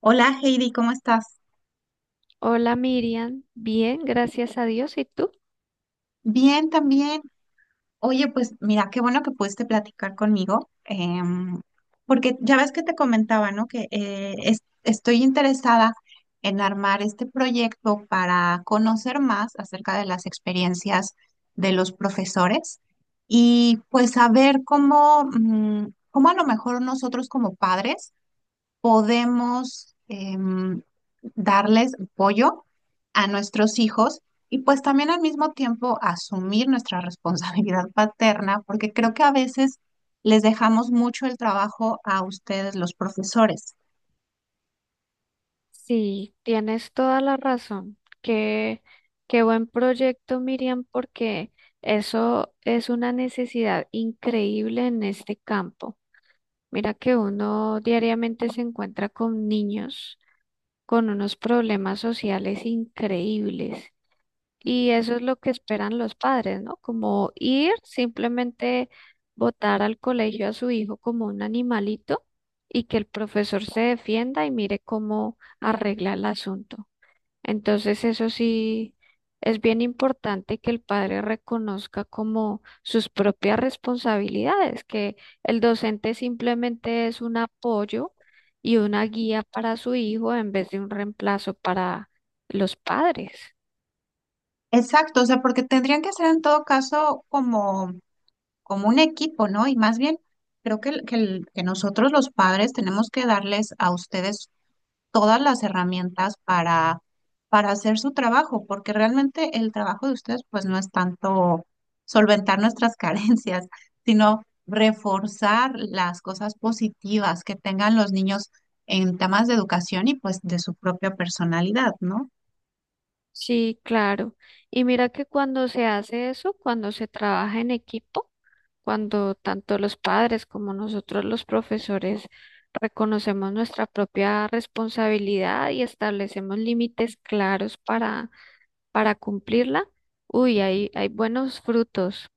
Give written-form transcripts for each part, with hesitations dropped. Hola Heidi, ¿cómo estás? Hola Miriam, bien, gracias a Dios. ¿Y tú? Bien, también. Oye, pues mira, qué bueno que pudiste platicar conmigo, porque ya ves que te comentaba, ¿no? Que estoy interesada en armar este proyecto para conocer más acerca de las experiencias de los profesores y pues saber cómo a lo mejor nosotros como padres podemos darles apoyo a nuestros hijos y pues también al mismo tiempo asumir nuestra responsabilidad paterna, porque creo que a veces les dejamos mucho el trabajo a ustedes, los profesores. Sí, tienes toda la razón. Qué buen proyecto, Miriam, porque eso es una necesidad increíble en este campo. Mira que uno diariamente se encuentra con niños con unos problemas sociales increíbles. Y eso es lo que esperan los padres, ¿no? Como ir, simplemente botar al colegio a su hijo como un animalito y que el profesor se defienda y mire cómo arregla el asunto. Entonces, eso sí es bien importante que el padre reconozca como sus propias responsabilidades, que el docente simplemente es un apoyo y una guía para su hijo en vez de un reemplazo para los padres. Exacto, o sea, porque tendrían que ser en todo caso como, como un equipo, ¿no? Y más bien, creo que, que nosotros los padres tenemos que darles a ustedes todas las herramientas para hacer su trabajo, porque realmente el trabajo de ustedes pues no es tanto solventar nuestras carencias, sino reforzar las cosas positivas que tengan los niños en temas de educación y pues de su propia personalidad, ¿no? Sí, claro. Y mira que cuando se hace eso, cuando se trabaja en equipo, cuando tanto los padres como nosotros los profesores reconocemos nuestra propia responsabilidad y establecemos límites claros para cumplirla, uy, hay buenos frutos.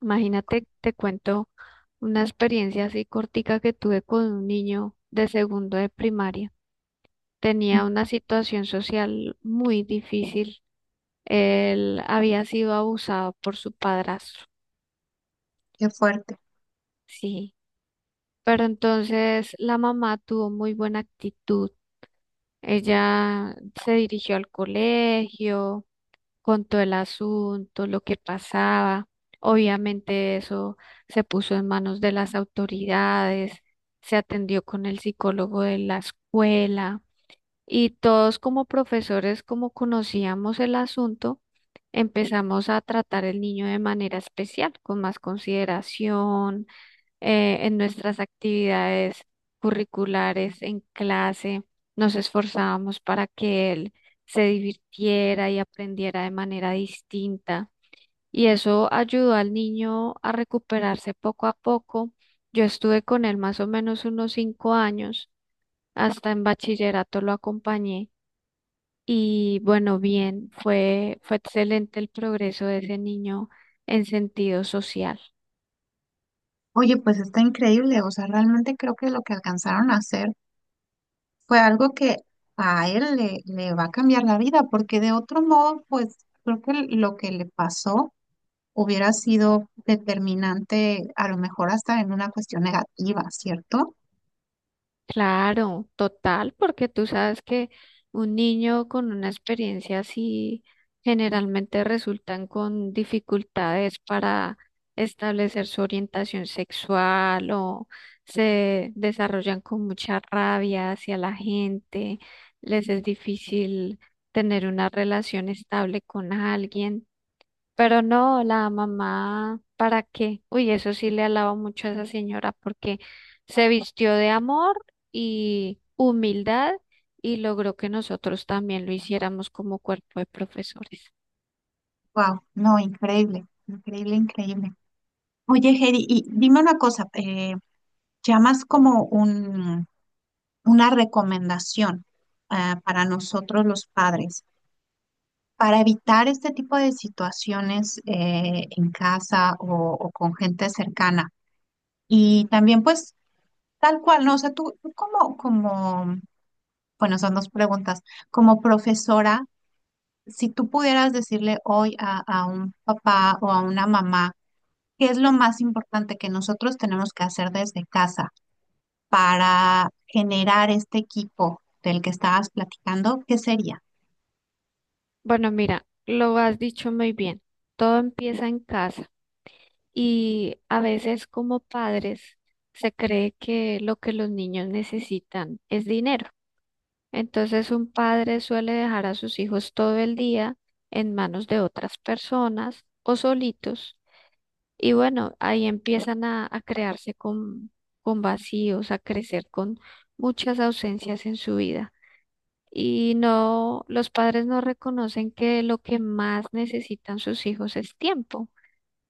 Imagínate, te cuento una experiencia así cortica que tuve con un niño de segundo de primaria. Mm. Tenía una situación social muy difícil, él había sido abusado por su padrastro, Qué fuerte. sí. Pero entonces la mamá tuvo muy buena actitud. Ella se dirigió al colegio, contó el asunto, lo que pasaba. Obviamente eso se puso en manos de las autoridades, se atendió con el psicólogo de la escuela y todos como profesores, como conocíamos el asunto, empezamos a tratar el niño de manera especial, con más consideración, en nuestras actividades curriculares, en clase, nos esforzábamos para que él se divirtiera y aprendiera de manera distinta. Y eso ayudó al niño a recuperarse poco a poco. Yo estuve con él más o menos unos cinco años, hasta en bachillerato lo acompañé y bueno, bien, fue excelente el progreso de ese niño en sentido social. Oye, pues está increíble, o sea, realmente creo que lo que alcanzaron a hacer fue algo que a él le va a cambiar la vida, porque de otro modo, pues creo que lo que le pasó hubiera sido determinante, a lo mejor hasta en una cuestión negativa, ¿cierto? Claro, total, porque tú sabes que un niño con una experiencia así generalmente resultan con dificultades para establecer su orientación sexual o se desarrollan con mucha rabia hacia la gente, les es difícil tener una relación estable con alguien. Pero no, la mamá, ¿para qué? Uy, eso sí le alabo mucho a esa señora porque se vistió de amor y humildad y logró que nosotros también lo hiciéramos como cuerpo de profesores. Wow, no, increíble, increíble, increíble. Oye, Heidi, y dime una cosa, llamas como un, una recomendación para nosotros los padres, para evitar este tipo de situaciones en casa o con gente cercana. Y también, pues, tal cual, ¿no? O sea, tú como, como, bueno, son dos preguntas como profesora, si tú pudieras decirle hoy a un papá o a una mamá, ¿qué es lo más importante que nosotros tenemos que hacer desde casa para generar este equipo del que estabas platicando? ¿Qué sería? Bueno, mira, lo has dicho muy bien. Todo empieza en casa y a veces como padres se cree que lo que los niños necesitan es dinero. Entonces, un padre suele dejar a sus hijos todo el día en manos de otras personas o solitos. Y bueno, ahí empiezan a crearse con vacíos, a crecer con muchas ausencias en su vida. Y no, los padres no reconocen que lo que más necesitan sus hijos es tiempo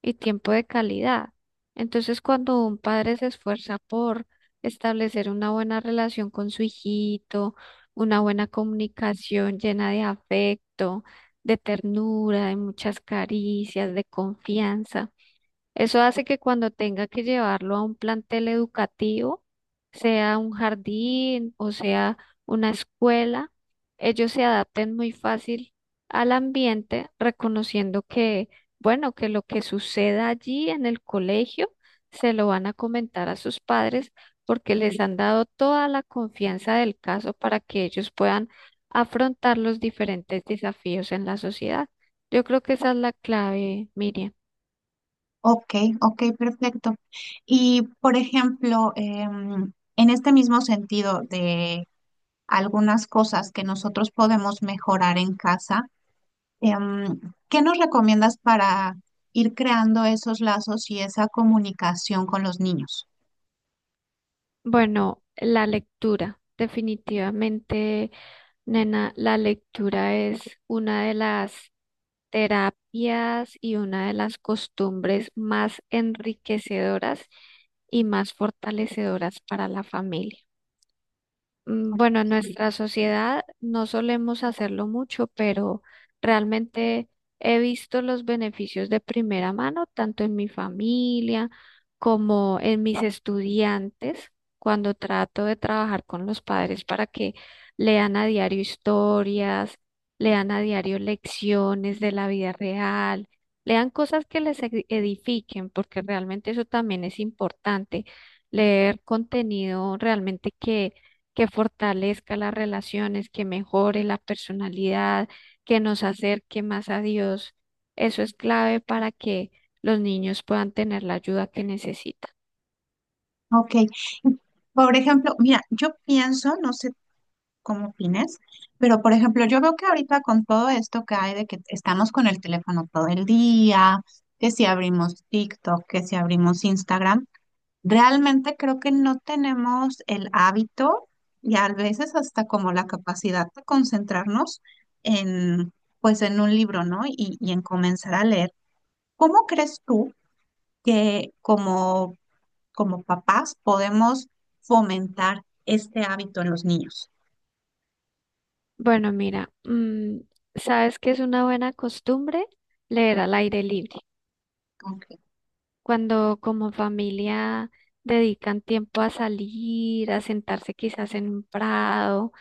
y tiempo de calidad. Entonces, cuando un padre se esfuerza por establecer una buena relación con su hijito, una buena comunicación llena de afecto, de ternura, de muchas caricias, de confianza, eso hace que cuando tenga que llevarlo a un plantel educativo, sea un jardín o sea una escuela, ellos se adapten muy fácil al ambiente, reconociendo que, bueno, que lo que suceda allí en el colegio se lo van a comentar a sus padres porque les han dado toda la confianza del caso para que ellos puedan afrontar los diferentes desafíos en la sociedad. Yo creo que esa es la clave, Miriam. Ok, ok, perfecto. Y, por ejemplo, en este mismo sentido de algunas cosas que nosotros podemos mejorar en casa, em, ¿qué nos recomiendas para ir creando esos lazos y esa comunicación con los niños? Bueno, la lectura, definitivamente, nena, la lectura es una de las terapias y una de las costumbres más enriquecedoras y más fortalecedoras para la familia. Mm, bueno, en nuestra sociedad no solemos hacerlo mucho, pero realmente he visto los beneficios de primera mano, tanto en mi familia como en mis estudiantes, cuando trato de trabajar con los padres para que lean a diario historias, lean a diario lecciones de la vida real, lean cosas que les edifiquen, porque realmente eso también es importante, leer contenido realmente que fortalezca las relaciones, que mejore la personalidad, que nos acerque más a Dios. Eso es clave para que los niños puedan tener la ayuda que necesitan. Ok. Por ejemplo, mira, yo pienso, no sé cómo opines, pero por ejemplo, yo veo que ahorita con todo esto que hay de que estamos con el teléfono todo el día, que si abrimos TikTok, que si abrimos Instagram, realmente creo que no tenemos el hábito y a veces hasta como la capacidad de concentrarnos en, pues en un libro, ¿no? Y en comenzar a leer. ¿Cómo crees tú que como como papás podemos fomentar este hábito en los niños? Bueno, mira, mm, ¿sabes qué es una buena costumbre? Leer al aire libre. Ok. Cuando como familia dedican tiempo a salir, a sentarse quizás en un prado,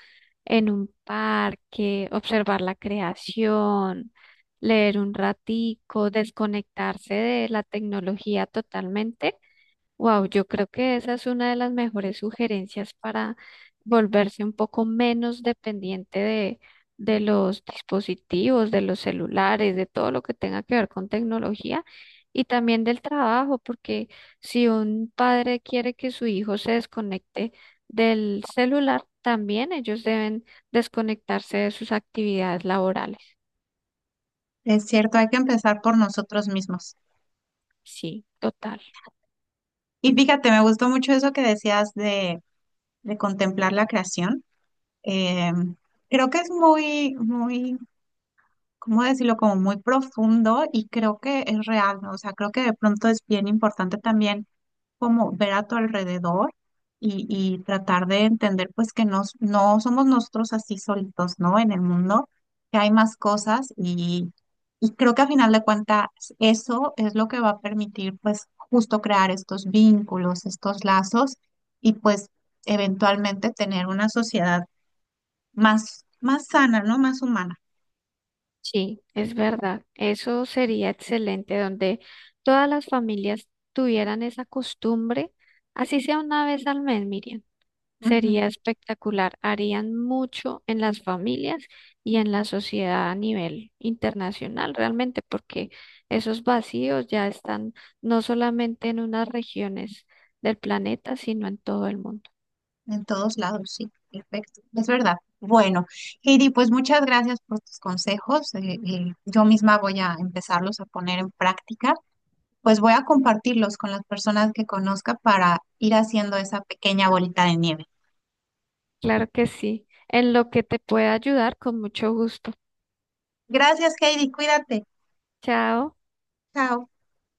en un parque, observar la creación, leer un ratico, desconectarse de la tecnología totalmente. Wow, yo creo que esa es una de las mejores sugerencias para volverse un poco menos dependiente de los dispositivos, de los celulares, de todo lo que tenga que ver con tecnología y también del trabajo, porque si un padre quiere que su hijo se desconecte del celular, también ellos deben desconectarse de sus actividades laborales. Es cierto, hay que empezar por nosotros mismos. Sí, total. Y fíjate, me gustó mucho eso que decías de contemplar la creación. Eh, creo que es muy, muy, ¿cómo decirlo? Como muy profundo y creo que es real, ¿no? O sea, creo que de pronto es bien importante también como ver a tu alrededor y tratar de entender pues que nos no somos nosotros así solitos, ¿no? En el mundo, que hay más cosas y creo que a final de cuentas eso es lo que va a permitir pues justo crear estos vínculos, estos lazos y pues eventualmente tener una sociedad más, más sana, ¿no? Más humana. Sí, es verdad. Eso sería excelente, donde todas las familias tuvieran esa costumbre, así sea una vez al mes, Miriam. Ujú. Sería espectacular. Harían mucho en las familias y en la sociedad a nivel internacional, realmente, porque esos vacíos ya están no solamente en unas regiones del planeta, sino en todo el mundo. En todos lados, sí, perfecto, es verdad. Bueno, Heidi, pues muchas gracias por tus consejos. Yo misma voy a empezarlos a poner en práctica. Pues voy a compartirlos con las personas que conozca para ir haciendo esa pequeña bolita de nieve. Claro que sí. En lo que te pueda ayudar, con mucho gusto. Gracias, Heidi, cuídate. Chao. Chao.